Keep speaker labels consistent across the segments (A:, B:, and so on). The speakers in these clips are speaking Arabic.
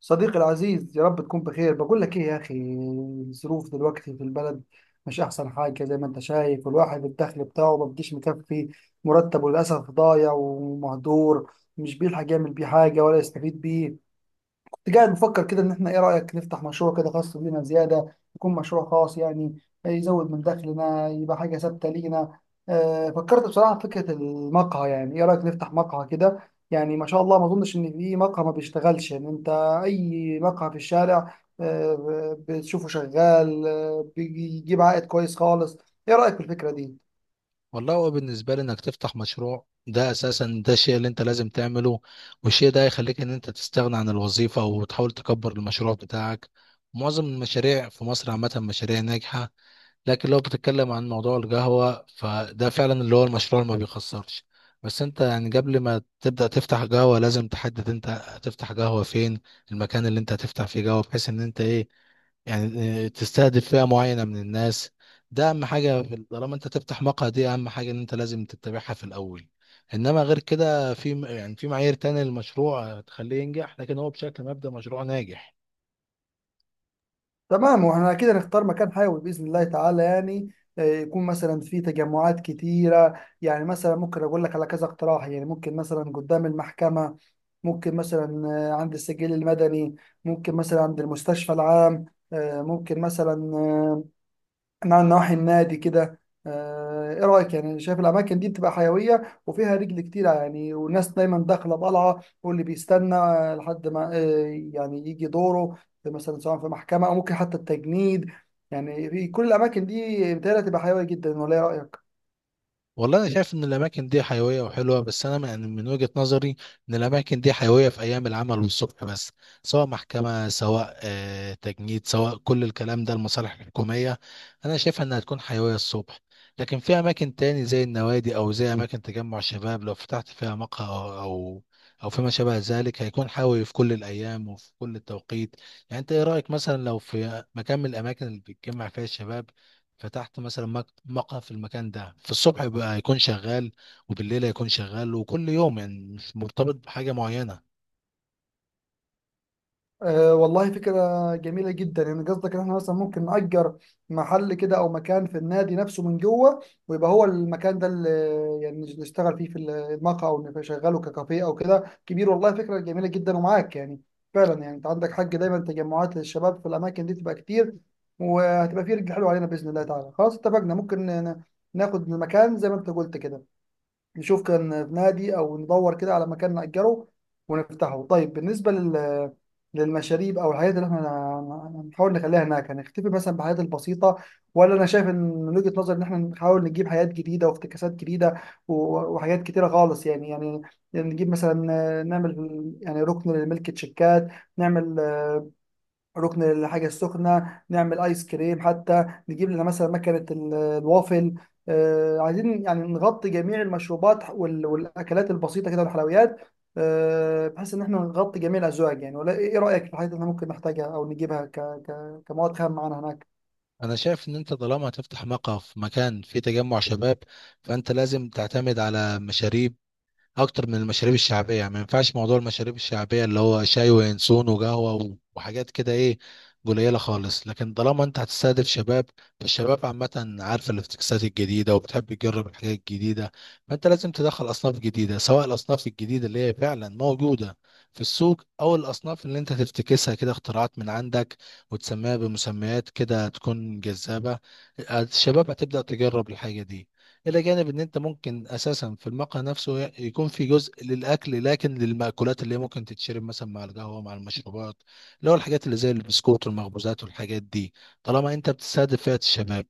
A: صديقي العزيز، يا رب تكون بخير. بقول لك ايه يا اخي، الظروف دلوقتي في البلد مش احسن حاجه زي ما انت شايف. والواحد الدخل بتاعه ما بيجيش مكفي، مرتبه للاسف ضايع ومهدور، مش بيلحق يعمل بيه حاجه ولا يستفيد بيه. كنت قاعد بفكر كده ان احنا ايه رأيك نفتح مشروع كده خاص بينا زيادة، يكون مشروع خاص يعني يزود من دخلنا، يبقى حاجة ثابتة لينا. فكرت بصراحة في فكرة المقهى، يعني ايه رأيك نفتح مقهى كده؟ يعني ما شاء الله ما اظنش ان في مقهى ما بيشتغلش، ان انت اي مقهى في الشارع بتشوفه شغال، بيجيب عائد كويس خالص. ايه رأيك في الفكرة دي؟
B: والله هو بالنسبة لي انك تفتح مشروع ده اساسا ده الشيء اللي انت لازم تعمله. والشيء ده هيخليك ان انت تستغنى عن الوظيفة وتحاول تكبر المشروع بتاعك. معظم المشاريع في مصر عامة مشاريع ناجحة. لكن لو بتتكلم عن موضوع القهوة فده فعلا اللي هو المشروع اللي ما بيخسرش. بس انت يعني قبل ما تبدأ تفتح قهوة لازم تحدد انت هتفتح قهوة فين. المكان اللي انت هتفتح فيه قهوة بحيث ان انت ايه، يعني، تستهدف فئة معينة من الناس. ده أهم حاجة طالما أنت تفتح مقهى، دي أهم حاجة إن أنت لازم تتبعها في الأول. إنما غير كده في، يعني، في معايير تانية للمشروع تخليه ينجح، لكن هو بشكل مبدأ مشروع ناجح.
A: تمام، واحنا كده نختار مكان حيوي باذن الله تعالى يعني، يكون مثلا في تجمعات كتيره. يعني مثلا ممكن اقول لك على كذا اقتراح، يعني ممكن مثلا قدام المحكمه، ممكن مثلا عند السجل المدني، ممكن مثلا عند المستشفى العام، ممكن مثلا، من نواحي النادي كده. ايه رايك؟ يعني شايف الاماكن دي بتبقى حيويه وفيها رجل كتير يعني، والناس دايما داخله طالعه، واللي بيستنى لحد ما يعني يجي دوره في مثلا سواء في محكمه او ممكن حتى التجنيد. يعني في كل الاماكن دي بتبقى حيويه جدا، ولا ايه رايك؟
B: والله انا شايف ان الاماكن دي حيويه وحلوه، بس انا يعني من وجهه نظري ان الاماكن دي حيويه في ايام العمل والصبح بس. سواء محكمه، سواء تجنيد، سواء كل الكلام ده المصالح الحكوميه، انا شايفها انها تكون حيويه الصبح. لكن في اماكن تاني زي النوادي او زي اماكن تجمع شباب، لو فتحت فيها مقهى او او أو فيما شابه ذلك هيكون حيوي في كل الايام وفي كل التوقيت. يعني انت ايه رايك مثلا لو في مكان من الاماكن اللي بتجمع فيها الشباب، فتحت مثلا مقهى في المكان ده، في الصبح يبقى يكون شغال وبالليل هيكون شغال، وكل يوم يعني مش مرتبط بحاجة معينة.
A: أه والله فكرة جميلة جدا. يعني قصدك ان احنا مثلا ممكن نأجر محل كده او مكان في النادي نفسه من جوه، ويبقى هو المكان ده اللي يعني نشتغل فيه في المقهى او نشغله ككافيه او كده كبير. والله فكرة جميلة جدا ومعاك يعني، فعلا يعني انت عندك حق. دايما تجمعات للشباب في الاماكن دي تبقى كتير، وهتبقى فيه رجل حلو علينا باذن الله تعالى. خلاص اتفقنا، ممكن ناخد المكان زي ما انت قلت كده، نشوف كان في نادي او ندور كده على مكان نأجره ونفتحه. طيب، بالنسبة لل للمشاريب او الحاجات اللي احنا نحاول نخليها هناك، هنختفي مثلا بالحاجات البسيطه، ولا انا شايف ان من وجهه نظري ان احنا نحاول نجيب حاجات جديده وافتكاسات جديده وحاجات كتيره خالص يعني. يعني نجيب مثلا، نعمل يعني ركن لملك تشيكات، نعمل ركن الحاجة السخنة، نعمل آيس كريم، حتى نجيب لنا مثلا مكنة الوافل. عايزين يعني نغطي جميع المشروبات والأكلات البسيطة كده والحلويات، بحيث إن إحنا نغطي جميع الأزواج يعني. ولا إيه إيه رأيك في الحاجات اللي إحنا ممكن نحتاجها أو نجيبها كمواد خام معانا هناك؟
B: انا شايف ان انت طالما هتفتح مقهى في مكان فيه تجمع شباب، فانت لازم تعتمد على مشاريب اكتر من المشاريب الشعبيه. يعني ما ينفعش موضوع المشاريب الشعبيه اللي هو شاي وينسون وقهوه وحاجات كده، ايه، قليله خالص. لكن طالما انت هتستهدف شباب، فالشباب عامه عارفه الافتكاسات الجديده وبتحب تجرب الحاجات الجديده. فانت لازم تدخل اصناف جديده، سواء الاصناف الجديده اللي هي فعلا موجوده في السوق، او الاصناف اللي انت تفتكسها كده اختراعات من عندك، وتسميها بمسميات كده تكون جذابه. الشباب هتبدا تجرب الحاجه دي. إلى جانب إن أنت ممكن أساسا في المقهى نفسه يكون في جزء للأكل، لكن للمأكولات اللي هي ممكن تتشرب مثلا مع القهوة مع المشروبات، اللي هو الحاجات اللي زي البسكوت والمخبوزات والحاجات دي. طالما أنت بتستهدف فئة الشباب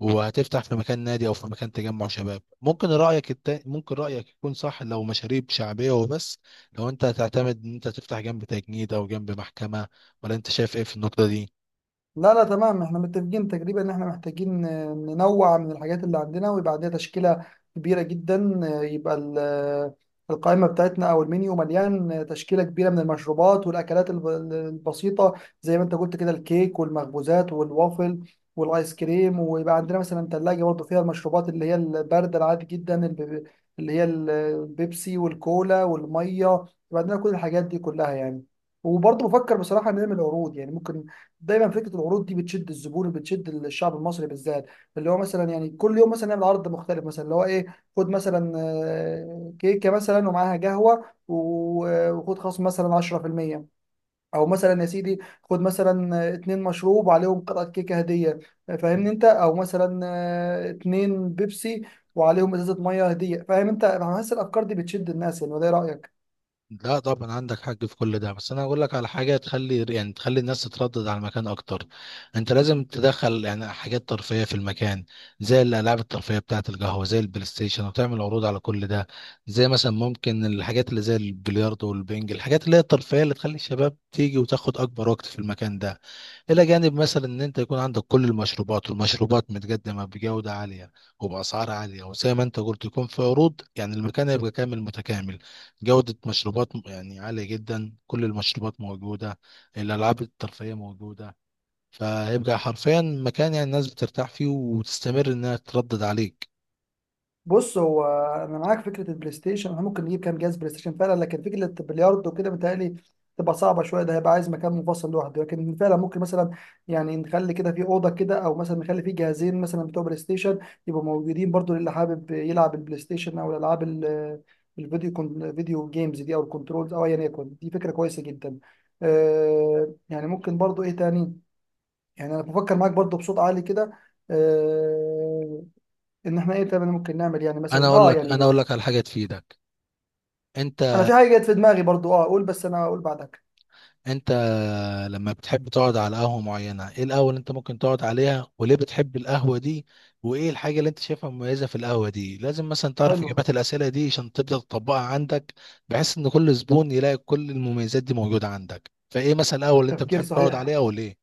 B: وهتفتح في مكان نادي أو في مكان تجمع شباب، ممكن ممكن رأيك يكون صح لو مشاريب شعبية وبس، لو أنت هتعتمد إن أنت تفتح جنب تجنيد أو جنب محكمة. ولا أنت شايف إيه في النقطة دي؟
A: لا، تمام، احنا متفقين تقريبا ان احنا محتاجين ننوع من الحاجات اللي عندنا، ويبقى عندنا تشكيلة كبيرة جدا. يبقى القائمة بتاعتنا او المنيو مليان تشكيلة كبيرة من المشروبات والاكلات البسيطة، زي ما انت قلت كده: الكيك والمخبوزات والوافل والايس كريم. ويبقى عندنا مثلا ثلاجة برضه فيها المشروبات اللي هي الباردة العادي جدا، اللي هي البيبسي والكولا والمية. يبقى عندنا كل الحاجات دي كلها يعني. وبرضه بفكر بصراحة نعمل عروض يعني ممكن. دايما فكره العروض دي بتشد الزبون وبتشد الشعب المصري بالذات. اللي هو مثلا يعني كل يوم مثلا نعمل عرض مختلف، مثلا اللي هو ايه؟ خد مثلا كيكه مثلا ومعاها قهوه وخد خصم مثلا 10%، او مثلا يا سيدي خد مثلا اتنين مشروب وعليهم قطعه كيكه هديه، فاهمني انت، او مثلا اتنين بيبسي وعليهم ازازه ميه هديه، فاهم انت. انا حاسس الافكار دي بتشد الناس يعني، وده ايه رايك؟
B: لا طبعا عندك حق في كل ده، بس انا اقول لك على حاجه تخلي، يعني، تخلي الناس تتردد على المكان اكتر. انت لازم تدخل يعني حاجات ترفيهيه في المكان، زي الالعاب الترفيهيه بتاعه القهوه زي البلاي ستيشن، وتعمل عروض على كل ده. زي مثلا ممكن الحاجات اللي زي البلياردو والبنج، الحاجات اللي هي الترفيهيه اللي تخلي الشباب تيجي وتاخد اكبر وقت في المكان ده. الى جانب مثلا ان انت يكون عندك كل المشروبات، والمشروبات متقدمه بجوده عاليه وباسعار عاليه، وزي ما انت قلت يكون في عروض، يعني المكان هيبقى كامل متكامل. جودة مشروبات يعني عالية جدا، كل المشروبات موجودة، الألعاب الترفيهية موجودة. فهيبقى حرفيا مكان يعني الناس بترتاح فيه وتستمر إنها تردد عليك.
A: بص، هو انا معاك فكره البلاي ستيشن. احنا ممكن نجيب كام جهاز بلاي ستيشن فعلا، لكن فكره البلياردو وكده متهيألي تبقى صعبه شويه. ده هيبقى عايز مكان منفصل لوحده، لكن فعلا ممكن مثلا يعني نخلي كده في اوضه كده، او مثلا نخلي فيه جهازين مثلا بتوع بلاي ستيشن يبقوا موجودين برضو للي حابب يلعب البلاي ستيشن او الالعاب الفيديو، كون فيديو جيمز دي او الكنترولز او ايا يكن. دي فكره كويسه جدا. آه يعني ممكن برضو ايه تاني؟ يعني انا بفكر معاك برضو بصوت عالي كده، آه، ان احنا ايه تاني ممكن نعمل يعني. مثلا اه
B: أنا
A: يعني
B: أقول لك على حاجة تفيدك.
A: انا
B: أنت
A: في حاجه جت في دماغي برضو اه اقول، بس انا اقول بعدك.
B: أنت لما بتحب تقعد على قهوة معينة، إيه القهوة اللي أنت ممكن تقعد عليها وليه بتحب القهوة دي؟ وإيه الحاجة اللي أنت شايفها مميزة في القهوة دي؟ لازم مثلا تعرف
A: حلو،
B: إجابات الأسئلة دي عشان تبدأ تطبقها عندك، بحيث إن كل زبون يلاقي كل المميزات دي موجودة عندك. فإيه مثلا القهوة اللي أنت
A: تفكير
B: بتحب تقعد
A: صحيح.
B: عليها وليه؟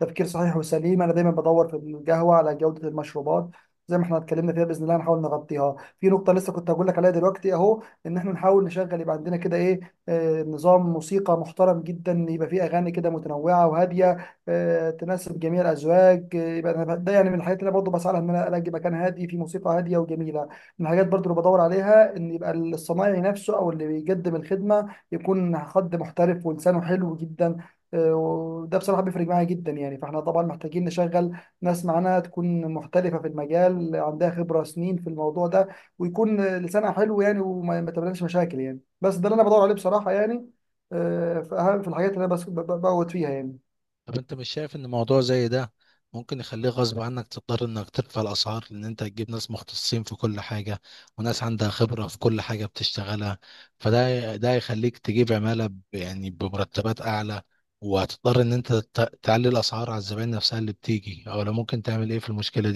A: تفكير صحيح وسليم، انا دايما بدور في القهوه على جوده المشروبات، زي ما احنا اتكلمنا فيها باذن الله هنحاول نغطيها. في نقطه لسه كنت هقول لك عليها دلوقتي اهو، ان احنا نحاول نشغل يبقى عندنا كده ايه، نظام موسيقى محترم جدا يبقى فيه اغاني كده متنوعه وهاديه، تناسب جميع الازواج. يبقى أنا ده يعني من الحاجات اللي انا برضه بسعى لها، ان انا الاقي مكان هادي فيه موسيقى هاديه وجميله. من الحاجات برضه اللي بدور عليها ان يبقى الصنايعي نفسه او اللي بيقدم الخدمه يكون حد محترف ولسانه حلو جدا. وده بصراحة بيفرق معايا جدا يعني. فاحنا طبعا محتاجين نشغل ناس معانا تكون محترفة في المجال، عندها خبرة سنين في الموضوع ده، ويكون لسانها حلو يعني، وما ما تقابلناش مشاكل يعني. بس ده اللي انا بدور عليه بصراحة يعني، في اهم في الحاجات اللي انا بس بقعد فيها يعني.
B: طب انت مش شايف ان موضوع زي ده ممكن يخليه غصب عنك تضطر انك ترفع الاسعار، لان انت تجيب ناس مختصين في كل حاجة، وناس عندها خبرة في كل حاجة بتشتغلها؟ فده يخليك تجيب عمالة يعني بمرتبات اعلى. وهتضطر ان انت تعلي الاسعار على الزبائن نفسها اللي بتيجي، او لو ممكن تعمل ايه في المشكلة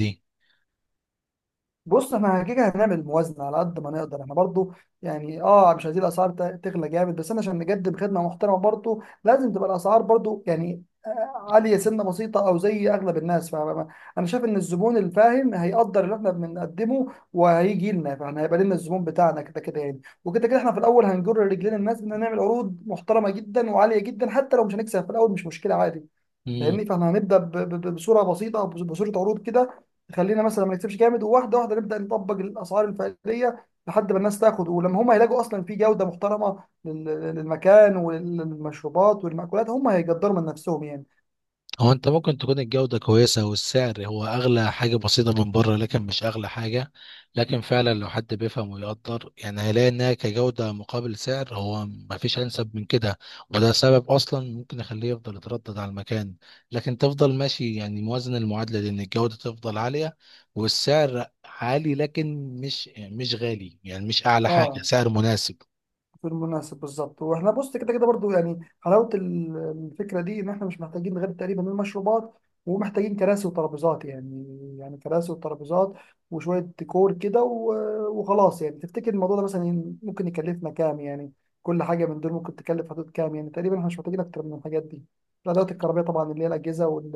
A: بص، احنا كده هنعمل موازنه على قد ما نقدر احنا برضو. يعني اه مش عايزين الاسعار تغلى جامد، بس انا عشان نقدم خدمه محترمه برضو لازم تبقى الاسعار برضو يعني عاليه سنه بسيطه او زي اغلب الناس. فانا شايف ان الزبون الفاهم هيقدر اللي احنا بنقدمه وهيجي لنا، فاحنا هيبقى لنا الزبون بتاعنا كده كده يعني. وكده كده احنا في الاول هنجر رجلين الناس ان نعمل عروض محترمه جدا وعاليه جدا، حتى لو مش هنكسب في الاول مش مشكله عادي.
B: دي؟
A: فاهمني؟ فاحنا هنبدا بصوره بسيطه او بصوره عروض كده، تخلينا مثلا ما نكسبش جامد. وواحده واحده نبدا نطبق الاسعار الفعليه، لحد ما الناس تاخد، ولما هم يلاقوا اصلا في جوده محترمه للمكان وللمشروبات والمأكولات، هم هيقدروا من نفسهم يعني.
B: هو انت ممكن تكون الجودة كويسة والسعر هو اغلى حاجة بسيطة من بره، لكن مش اغلى حاجة. لكن فعلا لو حد بيفهم ويقدر، يعني هيلاقي انها كجودة مقابل سعر هو مفيش انسب من كده. وده سبب اصلا ممكن يخليه يفضل يتردد على المكان. لكن تفضل ماشي، يعني موازن المعادلة دي ان الجودة تفضل عالية والسعر عالي، لكن مش غالي، يعني مش اعلى حاجة،
A: اه،
B: سعر مناسب.
A: في المناسب بالظبط. واحنا بص كده كده برضو يعني حلاوه الفكره دي، ان احنا مش محتاجين غير تقريبا المشروبات ومحتاجين كراسي وترابيزات يعني، يعني كراسي وترابيزات وشويه ديكور كده وخلاص يعني. تفتكر الموضوع ده مثلا ممكن يكلفنا كام يعني؟ كل حاجه من دول ممكن تكلف حدود كام يعني تقريبا؟ احنا مش محتاجين اكتر من الحاجات دي: الادوات الكهربائيه طبعا اللي هي الاجهزه وال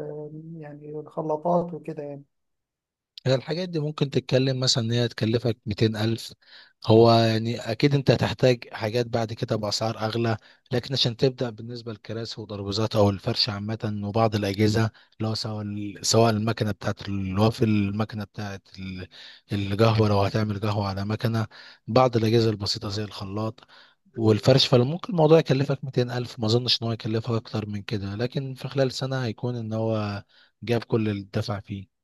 A: يعني الخلاطات وكده يعني.
B: هي الحاجات دي ممكن تتكلم مثلا ان هي تكلفك 200000. هو يعني اكيد انت هتحتاج حاجات بعد كده باسعار اغلى، لكن عشان تبدا، بالنسبه للكراسي وترابيزات او الفرش عامه وبعض الاجهزه، اللي هو سواء سواء المكنه بتاعت الوافل، المكنه بتاعت القهوه لو هتعمل قهوه على مكنه، بعض الاجهزه البسيطه زي الخلاط والفرش، فممكن الموضوع يكلفك 200000. ما اظنش ان هو يكلفك اكتر من كده، لكن في خلال سنه هيكون ان هو جاب كل اللي دفع فيه.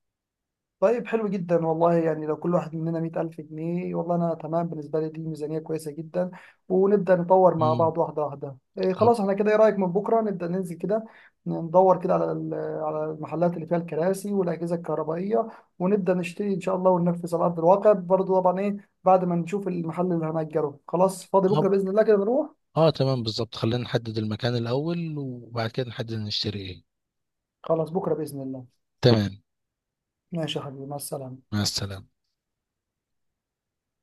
A: طيب حلو جدا والله. يعني لو كل واحد مننا 100,000 جنيه، والله أنا تمام. بالنسبة لي دي ميزانية كويسة جدا، ونبدأ نطور مع بعض واحدة واحدة. إيه خلاص احنا كده، إيه رأيك من بكرة نبدأ ننزل كده ندور كده على على المحلات اللي فيها الكراسي والأجهزة الكهربائية، ونبدأ نشتري إن شاء الله وننفذ على أرض الواقع برضه طبعا. إيه بعد ما نشوف المحل اللي هنأجره خلاص فاضي بكرة
B: مم.
A: بإذن الله كده نروح.
B: اه تمام بالظبط، خلينا نحدد المكان الأول وبعد كده نحدد نشتري ايه.
A: خلاص بكرة بإذن الله.
B: تمام.
A: ماشي يا حبيبي، مع السلامة.
B: مع السلامة.